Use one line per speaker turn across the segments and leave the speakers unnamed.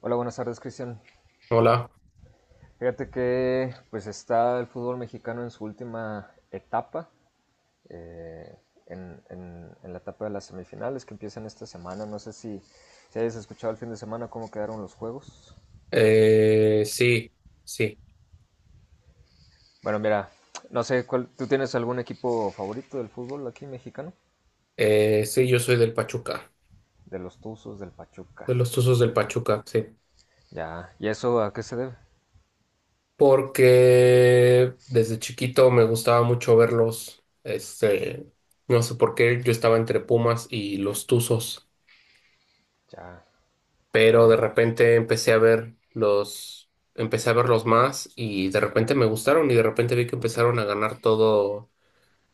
Hola, buenas tardes, Cristian.
Hola.
Fíjate que pues está el fútbol mexicano en su última etapa, eh, en la etapa de las semifinales que empiezan esta semana. No sé si hayas escuchado el fin de semana cómo quedaron los juegos.
Sí, sí,
Bueno, mira, no sé, cuál, ¿tú tienes algún equipo favorito del fútbol aquí mexicano?
sí, yo soy del Pachuca,
De los Tuzos, del Pachuca.
de los Tuzos del Pachuca, sí,
Ya, ¿y eso a qué se debe?
porque desde chiquito me gustaba mucho verlos, no sé por qué, yo estaba entre Pumas y los Tuzos,
Ya, ya,
pero de
ya.
repente empecé a verlos más y de repente me gustaron y de repente vi que empezaron a ganar todo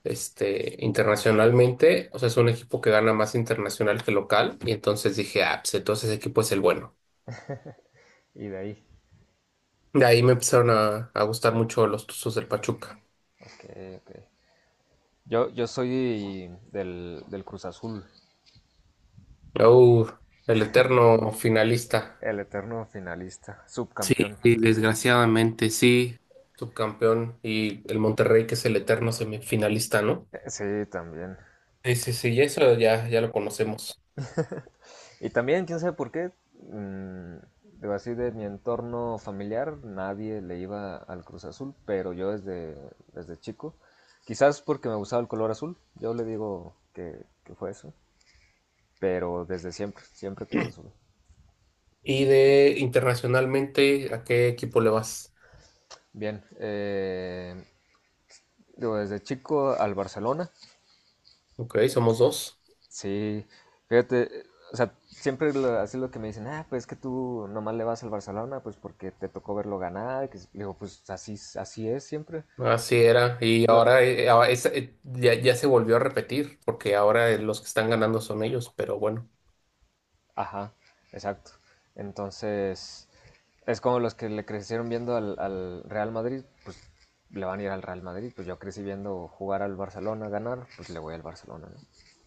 internacionalmente. O sea, es un equipo que gana más internacional que local. Y entonces dije, ah, pues entonces ese equipo es el bueno.
Y de ahí.
De ahí me empezaron a gustar mucho los Tuzos del Pachuca.
Ok, ok. Yo soy del Cruz Azul.
Uh, el eterno finalista.
El eterno finalista,
Sí,
subcampeón.
y desgraciadamente sí. Subcampeón y el Monterrey, que es el eterno semifinalista, ¿no?
Sí, también.
Sí, sí, sí, y eso ya, ya lo conocemos.
Y también, quién sabe por qué, digo así de mi entorno familiar, nadie le iba al Cruz Azul, pero yo desde chico, quizás porque me gustaba el color azul, yo le digo que fue eso, pero desde siempre, siempre Cruz Azul.
Y de internacionalmente, ¿a qué equipo le vas?
Bien, digo, desde chico al Barcelona.
Ok, somos dos.
Sí, fíjate, o sea, siempre así lo que me dicen, ah, pues es que tú nomás le vas al Barcelona, pues porque te tocó verlo ganar, que digo, pues así, así es siempre.
Así era, y
Lo-
ahora, ya, ya se volvió a repetir, porque ahora los que están ganando son ellos, pero bueno,
ajá, exacto. Entonces, es como los que le crecieron viendo al Real Madrid, pues le van a ir al Real Madrid, pues yo crecí viendo jugar al Barcelona, ganar, pues le voy al Barcelona, ¿no?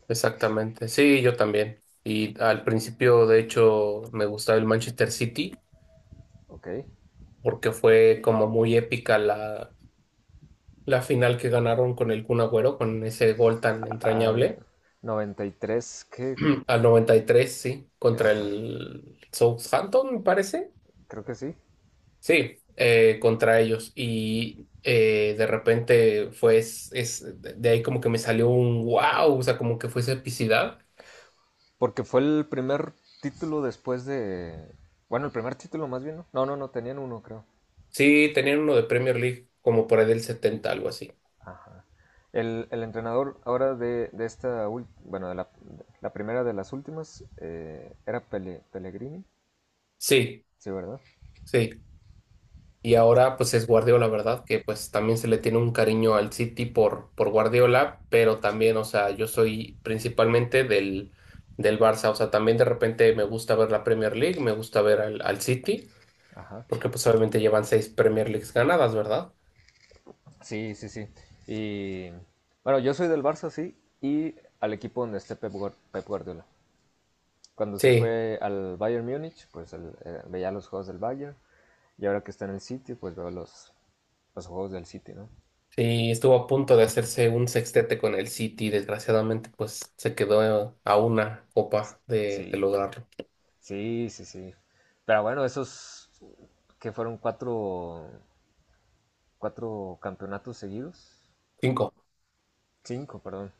exactamente. Sí, yo también. Y al principio, de hecho, me gustaba el Manchester City,
Ok.
porque fue como muy épica la final que ganaron con el Kun Agüero, con ese gol tan
Al
entrañable,
93, que,
al 93 sí, contra
ajá,
el Southampton, me parece.
creo que sí.
Sí, contra ellos. Y de repente fue, es- De ahí como que me salió un wow, o sea, como que fuese epicidad.
Porque fue el primer título después de... Bueno, el primer título más bien, ¿no? No, no, no, tenían uno, creo.
Sí, tenían uno de Premier League como por ahí del 70, algo así.
Ajá. El entrenador ahora de esta... Bueno, de la primera de las últimas era Pellegrini,
Sí,
sí, ¿verdad?
sí. Y ahora pues es Guardiola, ¿verdad? Que pues también se le tiene un cariño al City por Guardiola, pero también, o sea, yo soy principalmente del Barça, o sea, también de repente me gusta ver la Premier League, me gusta ver al City,
Ajá.
porque pues obviamente llevan seis Premier Leagues ganadas, ¿verdad?
Sí, sí, sí. Y bueno, yo soy del Barça, sí, y al equipo donde esté Pep Guardiola. Cuando se
Sí,
fue al Bayern Múnich, pues veía los juegos del Bayern. Y ahora que está en el City, pues veo los juegos del City, ¿no?
sí, estuvo a punto de hacerse un sextete con el City, desgraciadamente, pues se quedó a una copa de
Sí,
lograrlo.
sí, sí, sí. Pero bueno, esos que fueron cuatro campeonatos seguidos,
Cinco.
cinco, perdón,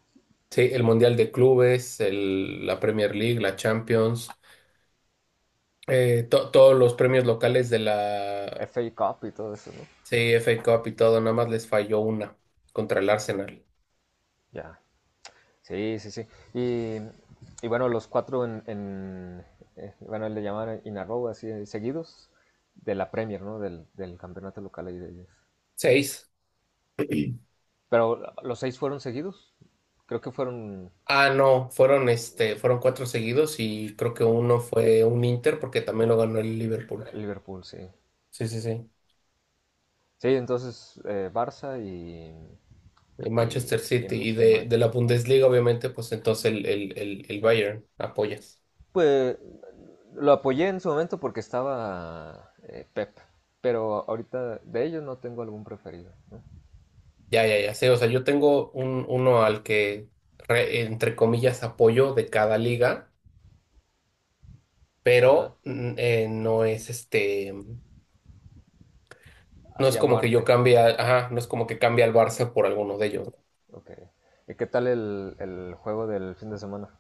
Sí, el Mundial de Clubes, la Premier League, la Champions, todos los premios locales de la
FA Cup y todo eso, ¿no?
sí, CFA Cup y todo, nada más les falló una contra el Arsenal.
Ya, sí, sí, sí. Y, y bueno, los cuatro en bueno, le llaman in a row, así, seguidos, de la Premier, ¿no? Del campeonato local ahí de ellos.
Seis.
Pero los seis fueron seguidos, creo que fueron
Ah, no, fueron cuatro seguidos y creo que
cu-
uno fue un Inter porque también lo ganó el Liverpool.
Liverpool, sí.
Sí, sí, sí.
Sí, entonces Barça y
El
Y,
Manchester
y
City y
y
de la
Manch-
Bundesliga, obviamente, pues entonces el Bayern apoyas.
Pues lo apoyé en su momento porque estaba Pep, pero ahorita de ellos no tengo algún preferido, ¿no?
Ya, ya, ya sé. O sea, yo tengo uno al que, entre comillas, apoyo de cada liga,
Ajá,
pero no es este, no es
hacia
como que yo
muerte.
cambie, ajá, no es como que cambie al Barça por alguno de ellos.
Ok. ¿Y qué tal el juego del fin de semana?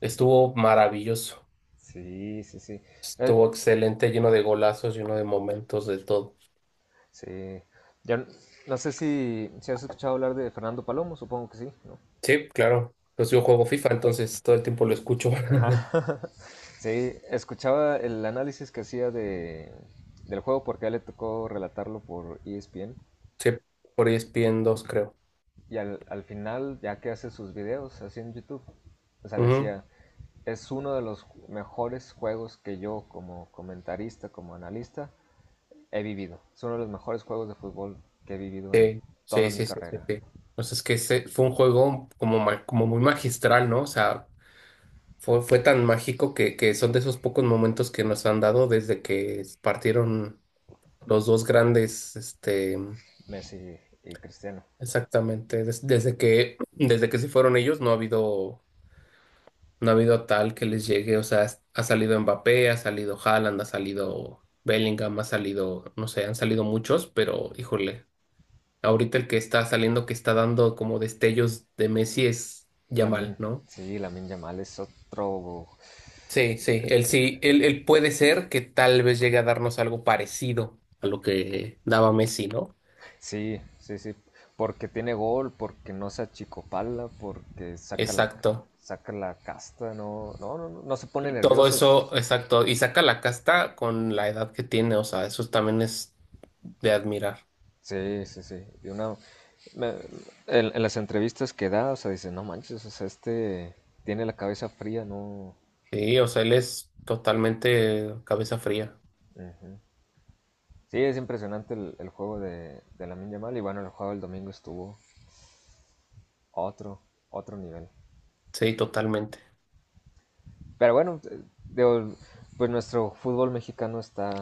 Estuvo maravilloso,
Sí, sí, sí. Eh,
estuvo excelente, lleno de golazos, lleno de momentos, de todo.
sí. Ya n- no sé si has escuchado hablar de Fernando Palomo, supongo que sí, ¿no?
Sí, claro. Pues yo juego FIFA, entonces todo el tiempo lo escucho.
Ajá. Sí, escuchaba el análisis que hacía del juego porque a él le tocó relatarlo por ESPN
Sí, por ESPN 2, creo.
y al final, ya que hace sus videos así en YouTube, o sea,
Ujú.
decía, es uno de los mejores juegos que yo como comentarista, como analista, he vivido. Es uno de los mejores juegos de fútbol que he vivido en
Sí,
toda
sí,
mi
sí, sí, sí,
carrera.
sí. O sea, es que ese fue un juego como, como muy magistral, ¿no? O sea, fue tan mágico que son de esos pocos momentos que nos han dado desde que partieron los dos grandes, este,
Messi y Cristiano.
exactamente, desde que, desde que se fueron ellos, no ha habido, no ha habido tal que les llegue, o sea, ha salido Mbappé, ha salido Haaland, ha salido Bellingham, ha salido, no sé, han salido muchos, pero híjole. Ahorita el que está saliendo, que está dando como destellos de Messi es
Lamin,
Yamal, ¿no?
sí, Lamin Yamal es otro.
Sí, sí, él sí, él puede ser que tal vez llegue a darnos algo parecido a lo que daba Messi, ¿no?
Sí, sí, sí. Porque tiene gol, porque no se achicopala, porque saca la,
Exacto.
saca la casta, no, no, no, no, no se pone
Y todo
nervioso.
eso, exacto. Y saca la casta con la edad que tiene, o sea, eso también es de admirar.
Sí, sí, sí. Y me- en las entrevistas que da, o sea, dice, no manches, o sea, este tiene la cabeza fría, no.
Sí, o sea, él es totalmente cabeza fría.
Ujú. Sí, es impresionante el juego de Lamine Yamal y bueno, el juego del domingo estuvo a otro nivel.
Sí, totalmente.
Pero bueno, digo, pues nuestro fútbol mexicano está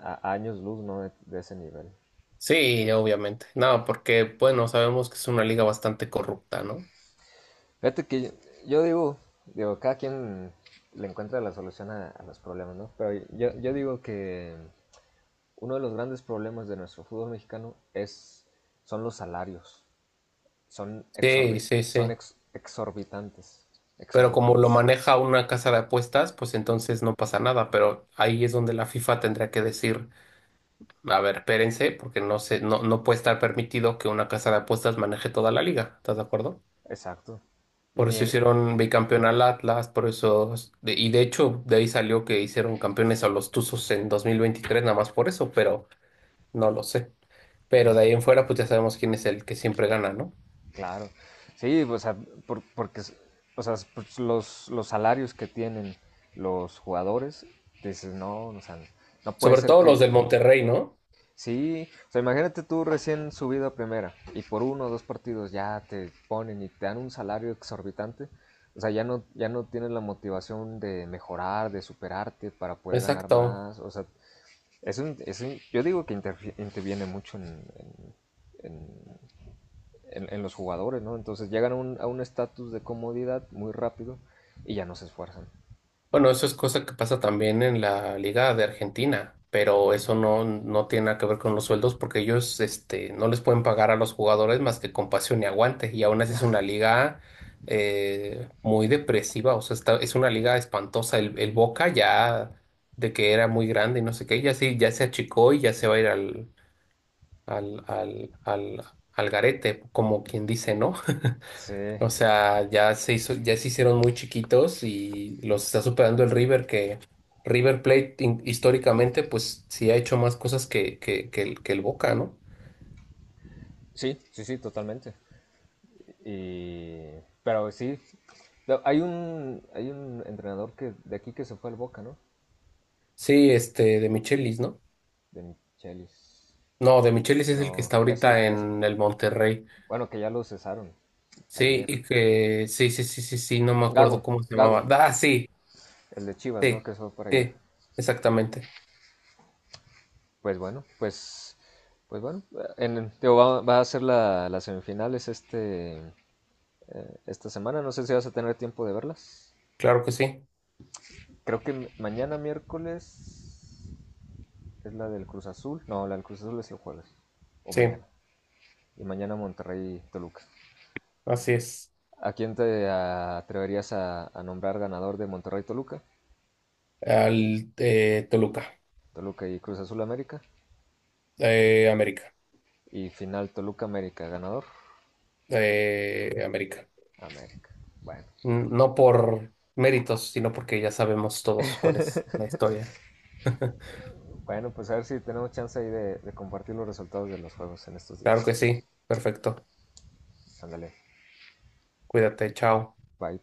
a años luz, ¿no? De ese nivel.
Sí, obviamente. No, porque, bueno, sabemos que es una liga bastante corrupta, ¿no?
Fíjate que yo digo, cada quien le encuentra la solución a los problemas, ¿no? Pero yo digo que uno de los grandes problemas de nuestro fútbol mexicano es, son los salarios. Son,
Sí,
exorbi-
sí,
son
sí.
ex- exorbitantes.
Pero como lo
Exorbitantes.
maneja una casa de apuestas, pues entonces no pasa nada. Pero ahí es donde la FIFA tendría que decir, a ver, espérense, porque no se, no, no puede estar permitido que una casa de apuestas maneje toda la liga. ¿Estás de acuerdo?
Exacto. Y
Por eso hicieron bicampeón al Atlas, por eso, y de hecho, de ahí salió que hicieron campeones a los Tuzos en 2023, nada más por eso, pero no lo sé. Pero
mm,
de ahí en fuera, pues ya sabemos quién es el que siempre gana, ¿no?
claro. Sí, o sea, porque o sea, pues, los salarios que tienen los jugadores, dices, no, o sea, no puede
Sobre
ser
todo los
que,
del Monterrey, ¿no?
sí, o sea, imagínate tú recién subido a primera y por uno o dos partidos ya te ponen y te dan un salario exorbitante. O sea, ya no, tienes la motivación de mejorar, de superarte para poder ganar
Exacto.
más. O sea, es un, yo digo que interviene mucho en- en los jugadores, ¿no? Entonces llegan a un estatus de comodidad muy rápido y ya no se esfuerzan.
Bueno, eso es cosa que pasa también en la Liga de Argentina, pero eso no, no tiene nada que ver con los sueldos porque ellos, este, no les pueden pagar a los jugadores más que con pasión y aguante. Y aún así es una liga muy depresiva, o sea, es una liga espantosa. El Boca ya de que era muy grande y no sé qué, ya sí, ya se achicó y ya se va a ir al, al, al, al garete, como quien dice, ¿no?
Sí,
O sea, ya se hizo, ya se hicieron muy chiquitos y los está superando el River, que River Plate históricamente, pues sí ha hecho más cosas que el Boca, ¿no?
sí, sí, sí, totalmente. Pero sí, no, hay un entrenador que de aquí que se fue al Boca, ¿no?
Sí, este, de Michelis, ¿no?
De Michelis.
No, de Michelis es el que
No,
está
es
ahorita en el Monterrey.
bueno, que ya lo cesaron
Sí,
ayer.
y que, sí, sí, sí, sí, sí, no me
Gago,
acuerdo cómo se
Gago,
llamaba. Ah, sí,
el de Chivas, ¿no?
sí,
Que se fue para allá.
sí, exactamente.
Pues bueno, pues, pues bueno, digo, va a ser las semifinales este, esta semana. No sé si vas a tener tiempo de verlas.
Claro que sí,
Creo que mañana miércoles es la del Cruz Azul. No, la del Cruz Azul es el jueves. O
sí,
mañana. Y mañana Monterrey-Toluca.
así es.
¿A quién te atreverías a nombrar ganador de Monterrey-Toluca?
Al Toluca,
Toluca y Cruz Azul América.
América,
Y final Toluca-América, ganador.
América.
América. Bueno,
No por méritos, sino porque ya sabemos todos cuál es la historia.
bueno, pues a ver si tenemos chance ahí de compartir los resultados de los juegos en estos
Claro
días.
que sí. Perfecto.
Ándale,
Cuídate. Chao.
bye.